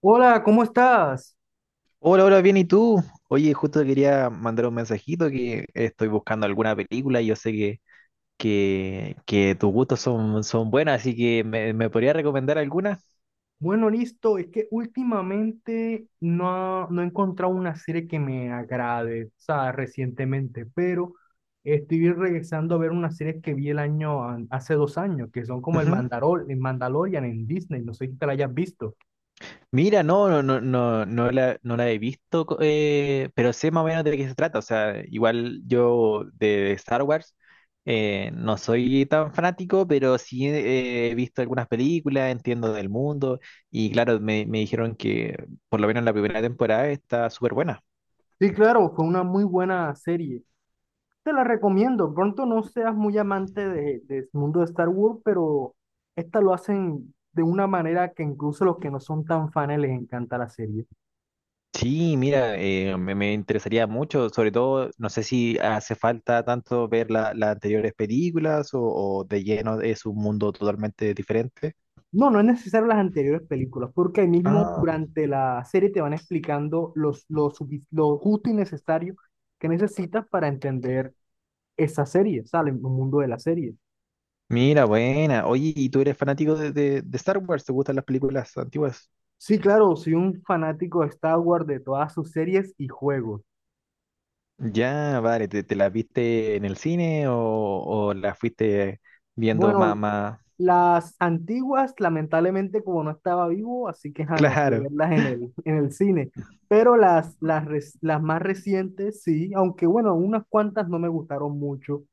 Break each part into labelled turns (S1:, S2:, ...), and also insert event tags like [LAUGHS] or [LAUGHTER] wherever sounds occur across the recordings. S1: Hola, ¿cómo estás?
S2: Hola, hola, bien, ¿y tú? Oye, justo quería mandar un mensajito que estoy buscando alguna película y yo sé que tus gustos son, son buenas, así que ¿me podría recomendar alguna?
S1: Bueno, listo. Es que últimamente no he encontrado una serie que me agrade, o sea, recientemente, pero estoy regresando a ver una serie que vi hace 2 años, que son como
S2: Ujú.
S1: El Mandalorian en Disney. No sé si te la hayas visto.
S2: Mira, no, no la he visto, pero sé más o menos de qué se trata. O sea, igual yo de Star Wars no soy tan fanático, pero sí he visto algunas películas, entiendo del mundo, y claro, me dijeron que por lo menos la primera temporada está súper buena.
S1: Sí, claro, fue una muy buena serie. Te la recomiendo. Pronto no seas muy amante del mundo de Star Wars, pero esta lo hacen de una manera que incluso los que no son tan fans les encanta la serie.
S2: Sí, mira, me interesaría mucho, sobre todo, no sé si hace falta tanto ver las anteriores películas o de lleno es un mundo totalmente diferente.
S1: No, no es necesario las anteriores películas, porque ahí mismo
S2: Ah,
S1: durante la serie te van explicando lo justo y necesario que necesitas para entender esa serie, ¿sale? El mundo de la serie.
S2: mira, buena. Oye, ¿y tú eres fanático de, de Star Wars? ¿Te gustan las películas antiguas?
S1: Sí, claro, soy un fanático de Star Wars, de todas sus series y juegos.
S2: Ya, vale, te las viste en el cine o las fuiste viendo
S1: Bueno,
S2: más, más?
S1: las antiguas, lamentablemente, como no estaba vivo, así que ja, no pude
S2: Claro,
S1: verlas en en el cine. Pero las más recientes, sí, aunque bueno, unas cuantas no me gustaron mucho.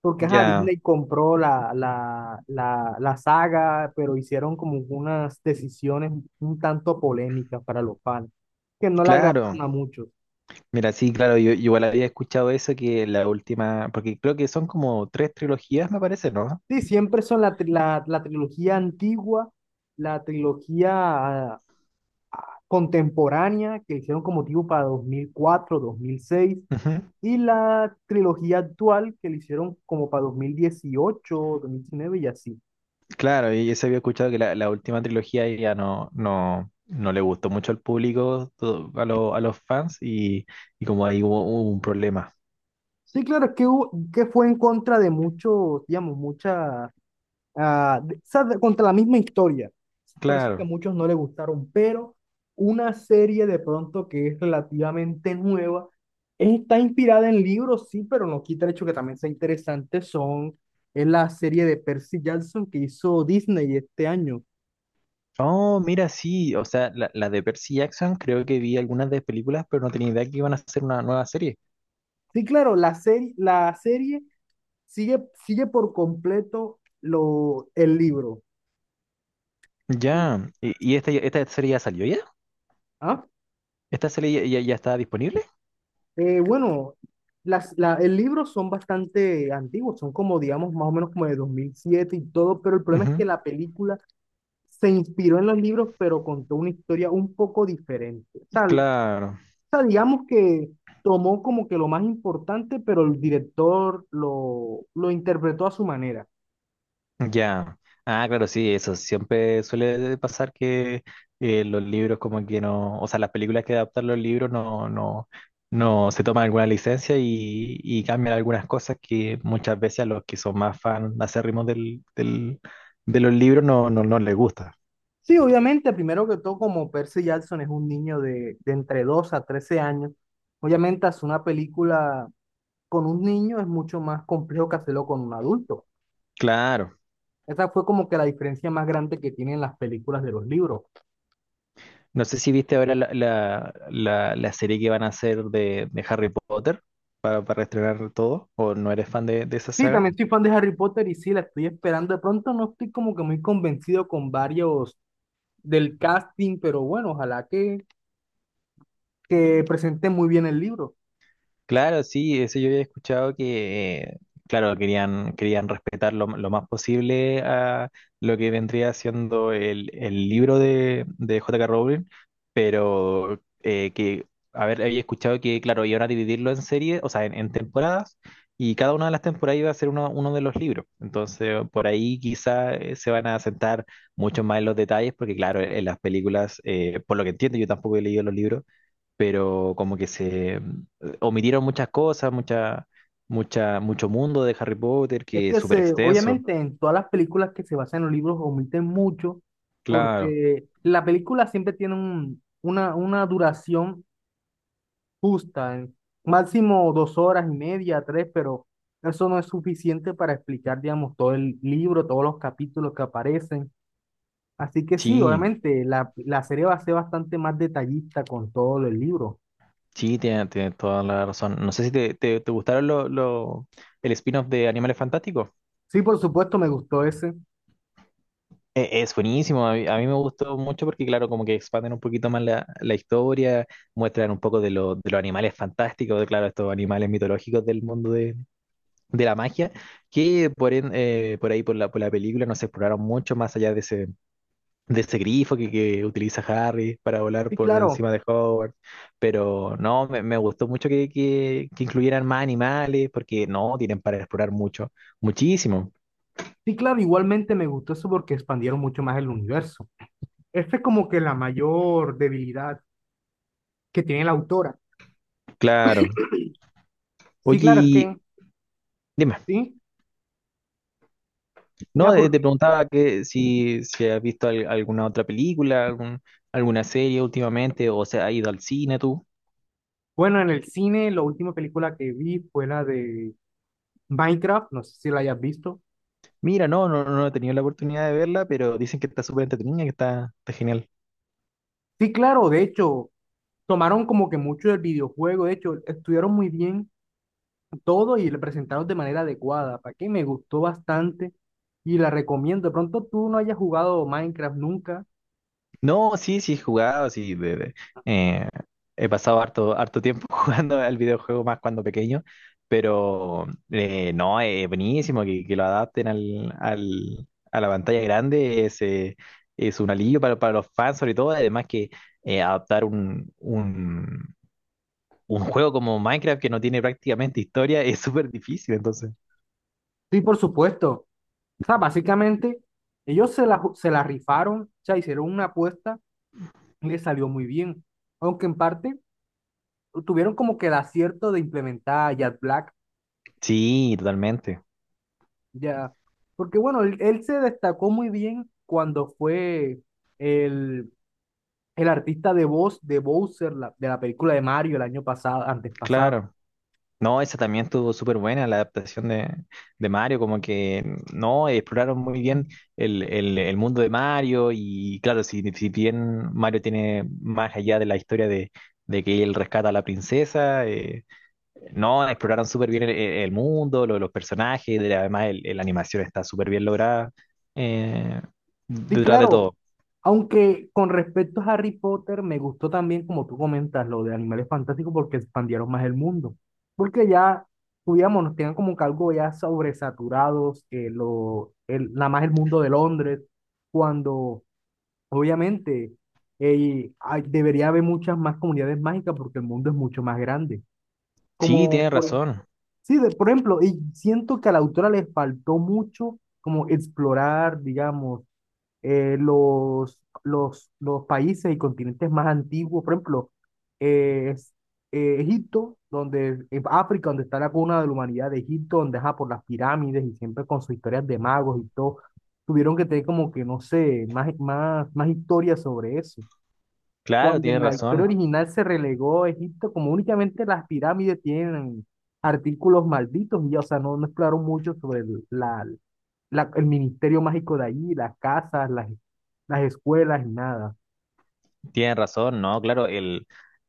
S1: Porque ajá,
S2: ya,
S1: Disney compró la saga, pero hicieron como unas decisiones un tanto polémicas para los fans, que no la agradaron
S2: claro.
S1: a muchos.
S2: Mira, sí, claro, yo igual había escuchado eso que la última, porque creo que son como tres trilogías, me parece, ¿no?
S1: Sí, siempre son la trilogía antigua, la trilogía ah, contemporánea, que hicieron como tipo para 2004, 2006,
S2: Ujú.
S1: y la trilogía actual, que le hicieron como para 2018, 2019 y así.
S2: Claro, y eso había escuchado que la última trilogía ya no le gustó mucho al público, a los fans, y como ahí hubo, hubo un problema.
S1: Sí, claro, es que, que fue en contra de muchos, digamos, muchas contra la misma historia. Por eso es que a
S2: Claro.
S1: muchos no les gustaron, pero una serie de pronto que es relativamente nueva, está inspirada en libros, sí, pero no quita el hecho que también sea interesante, son, es la serie de Percy Jackson que hizo Disney este año.
S2: Oh, mira, sí, o sea, la de Percy Jackson, creo que vi algunas de películas, pero no tenía idea que iban a hacer una nueva serie.
S1: Sí, claro, la serie sigue por completo el libro.
S2: Ya, y esta serie ya salió ya?
S1: ¿Ah?
S2: ¿Esta serie ya está disponible?
S1: Bueno, el libro son bastante antiguos, son como, digamos, más o menos como de 2007 y todo, pero el problema es que
S2: Ujú.
S1: la película se inspiró en los libros, pero contó una historia un poco diferente. O sea,
S2: Claro.
S1: digamos que tomó como que lo más importante, pero el director lo interpretó a su manera.
S2: Ya. Ah, claro, sí, eso siempre suele pasar que los libros como que no, o sea, las películas que adaptan los libros no se toman alguna licencia y cambian algunas cosas que muchas veces a los que son más fan acérrimos de los libros no les gusta.
S1: Sí, obviamente, primero que todo, como Percy Jackson es un niño de entre 2 a 13 años, obviamente hacer una película con un niño es mucho más complejo que hacerlo con un adulto.
S2: Claro.
S1: Esa fue como que la diferencia más grande que tienen las películas de los libros.
S2: No sé si viste ahora la serie que van a hacer de Harry Potter para estrenar todo, o no eres fan de esa
S1: Sí,
S2: saga.
S1: también soy fan de Harry Potter y sí, la estoy esperando. De pronto no estoy como que muy convencido con varios del casting, pero bueno, ojalá que presenten muy bien el libro.
S2: Claro, sí, eso yo había escuchado que, claro, querían respetar lo más posible a lo que vendría siendo el libro de J.K. Rowling, pero a ver, había escuchado que, claro, iban a dividirlo en series, o sea, en temporadas, y cada una de las temporadas iba a ser uno, uno de los libros. Entonces, por ahí quizá se van a sentar mucho más en los detalles, porque, claro, en las películas, por lo que entiendo, yo tampoco he leído los libros pero como que se omitieron muchas cosas, mucho mundo de Harry Potter
S1: Es
S2: que es
S1: que
S2: súper
S1: se,
S2: extenso.
S1: obviamente en todas las películas que se basan en los libros omiten mucho
S2: Claro,
S1: porque la película siempre tiene una duración justa, en máximo 2 horas y media, tres, pero eso no es suficiente para explicar, digamos, todo el libro, todos los capítulos que aparecen. Así que sí,
S2: sí,
S1: obviamente, la serie va a ser bastante más detallista con todo el libro.
S2: sí, tiene toda la razón. No sé si te gustaron el spin-off de Animales Fantásticos.
S1: Sí, por supuesto, me gustó ese.
S2: Es buenísimo, a a mí me gustó mucho porque claro, como que expanden un poquito más la historia, muestran un poco de, de los animales fantásticos, de claro, estos animales mitológicos del mundo de la magia, que por ahí por por la película no se exploraron mucho más allá de ese grifo que utiliza Harry para volar
S1: Sí,
S2: por
S1: claro.
S2: encima de Hogwarts. Pero no, me gustó mucho que, que incluyeran más animales, porque no, tienen para explorar mucho, muchísimo.
S1: Sí, claro, igualmente me gustó eso porque expandieron mucho más el universo. Esta es como que la mayor debilidad que tiene la autora.
S2: Claro.
S1: Sí,
S2: Oye,
S1: claro, es
S2: y
S1: que,
S2: dime,
S1: sí, ya
S2: no,
S1: porque,
S2: te preguntaba que si, si has visto alguna otra película, algún, alguna serie últimamente, o se ha ido al cine tú.
S1: bueno, en el cine la última película que vi fue la de Minecraft, no sé si la hayas visto.
S2: Mira, no he tenido la oportunidad de verla, pero dicen que está súper entretenida, que está, está genial.
S1: Sí, claro, de hecho, tomaron como que mucho del videojuego, de hecho, estudiaron muy bien todo y lo presentaron de manera adecuada, para que me gustó bastante y la recomiendo. De pronto tú no hayas jugado Minecraft nunca.
S2: No, sí, sí he jugado, sí. Eh, He pasado harto, harto tiempo [LAUGHS] jugando al videojuego más cuando pequeño, pero no, es buenísimo que lo adapten a la pantalla grande, es un alivio para los fans sobre todo, además que adaptar un juego como Minecraft que no tiene prácticamente historia es súper difícil, entonces.
S1: Sí, por supuesto. O sea, básicamente, ellos se la rifaron, o sea, hicieron una apuesta y les salió muy bien. Aunque en parte tuvieron como que el acierto de implementar a Jack Black.
S2: Sí, totalmente,
S1: Ya, porque bueno, él se destacó muy bien cuando fue el, el artista de voz de Bowser, de la película de Mario el año pasado, antes pasado.
S2: claro. No, esa también estuvo súper buena, la adaptación de Mario, como que no, exploraron muy
S1: Ujú.
S2: bien el mundo de Mario y claro, si, si bien Mario tiene más allá de la historia de que él rescata a la princesa, no, exploraron súper bien el mundo, los personajes, la animación está súper bien lograda eh,
S1: Sí,
S2: detrás de
S1: claro,
S2: todo.
S1: aunque con respecto a Harry Potter, me gustó también, como tú comentas, lo de Animales Fantásticos, porque expandieron más el mundo. Porque ya, digamos, nos tenían como que algo ya sobresaturados, que nada más el mundo de Londres, cuando obviamente, eh, debería haber muchas más comunidades mágicas porque el mundo es mucho más grande.
S2: Sí,
S1: Como
S2: tienes
S1: por, ej-
S2: razón,
S1: sí, por ejemplo, y siento que a la autora le faltó mucho como explorar, digamos, los países y continentes más antiguos, por ejemplo, eh, es- Egipto, donde, África, donde está la cuna de la humanidad de Egipto, donde ajá, por las pirámides y siempre con sus historias de magos y todo, tuvieron que tener como que, no sé, más historias sobre eso.
S2: claro,
S1: Cuando en
S2: tienes
S1: la, claro, historia
S2: razón.
S1: original se relegó a Egipto, como únicamente las pirámides tienen artículos malditos, y ya, o sea, no, no exploraron mucho sobre el ministerio mágico de allí, las casas, las escuelas y nada.
S2: Tienes razón, ¿no? Claro, el,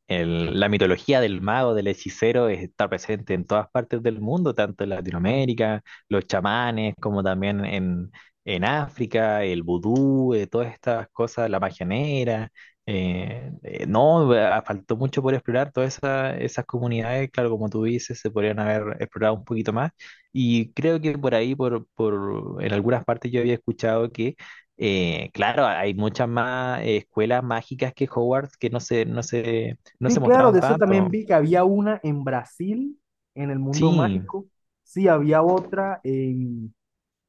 S2: el- la mitología del mago, del hechicero, está presente en todas partes del mundo, tanto en
S1: Mm.
S2: Latinoamérica, los chamanes, como también en África, el vudú, todas estas cosas, la magia negra. No, Faltó mucho por explorar todas esas comunidades, claro, como tú dices, se podrían haber explorado un poquito más. Y creo que por ahí, en algunas partes yo había escuchado que claro, hay muchas más escuelas mágicas que Hogwarts que no
S1: Sí,
S2: se
S1: claro, de
S2: mostraban
S1: Ah, eso también
S2: tanto.
S1: vi que había una en Brasil, en el mundo
S2: Sí,
S1: mágico. Sí, había otra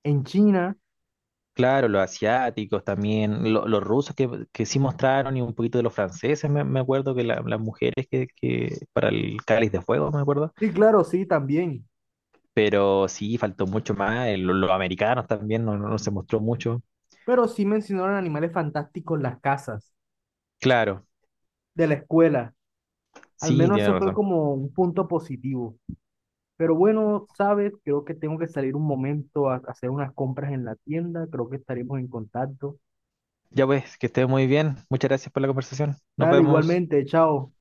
S1: en China.
S2: claro, los asiáticos también, los rusos que sí mostraron y un poquito de los franceses, me acuerdo que las mujeres que para el Cáliz de Fuego, me acuerdo.
S1: Sí, claro, sí, también.
S2: Pero sí, faltó mucho más, los americanos también no, no no se mostró mucho.
S1: Pero sí mencionaron animales fantásticos en las casas,
S2: Claro,
S1: de la escuela. Al
S2: sí,
S1: menos
S2: tiene
S1: eso fue
S2: razón.
S1: como un punto positivo. Pero bueno, sabes, creo que tengo que salir un momento a hacer unas compras en la tienda. Creo que estaremos en contacto.
S2: Ya pues, que esté muy bien. Muchas gracias por la conversación. Nos
S1: Dale,
S2: vemos.
S1: igualmente, chao.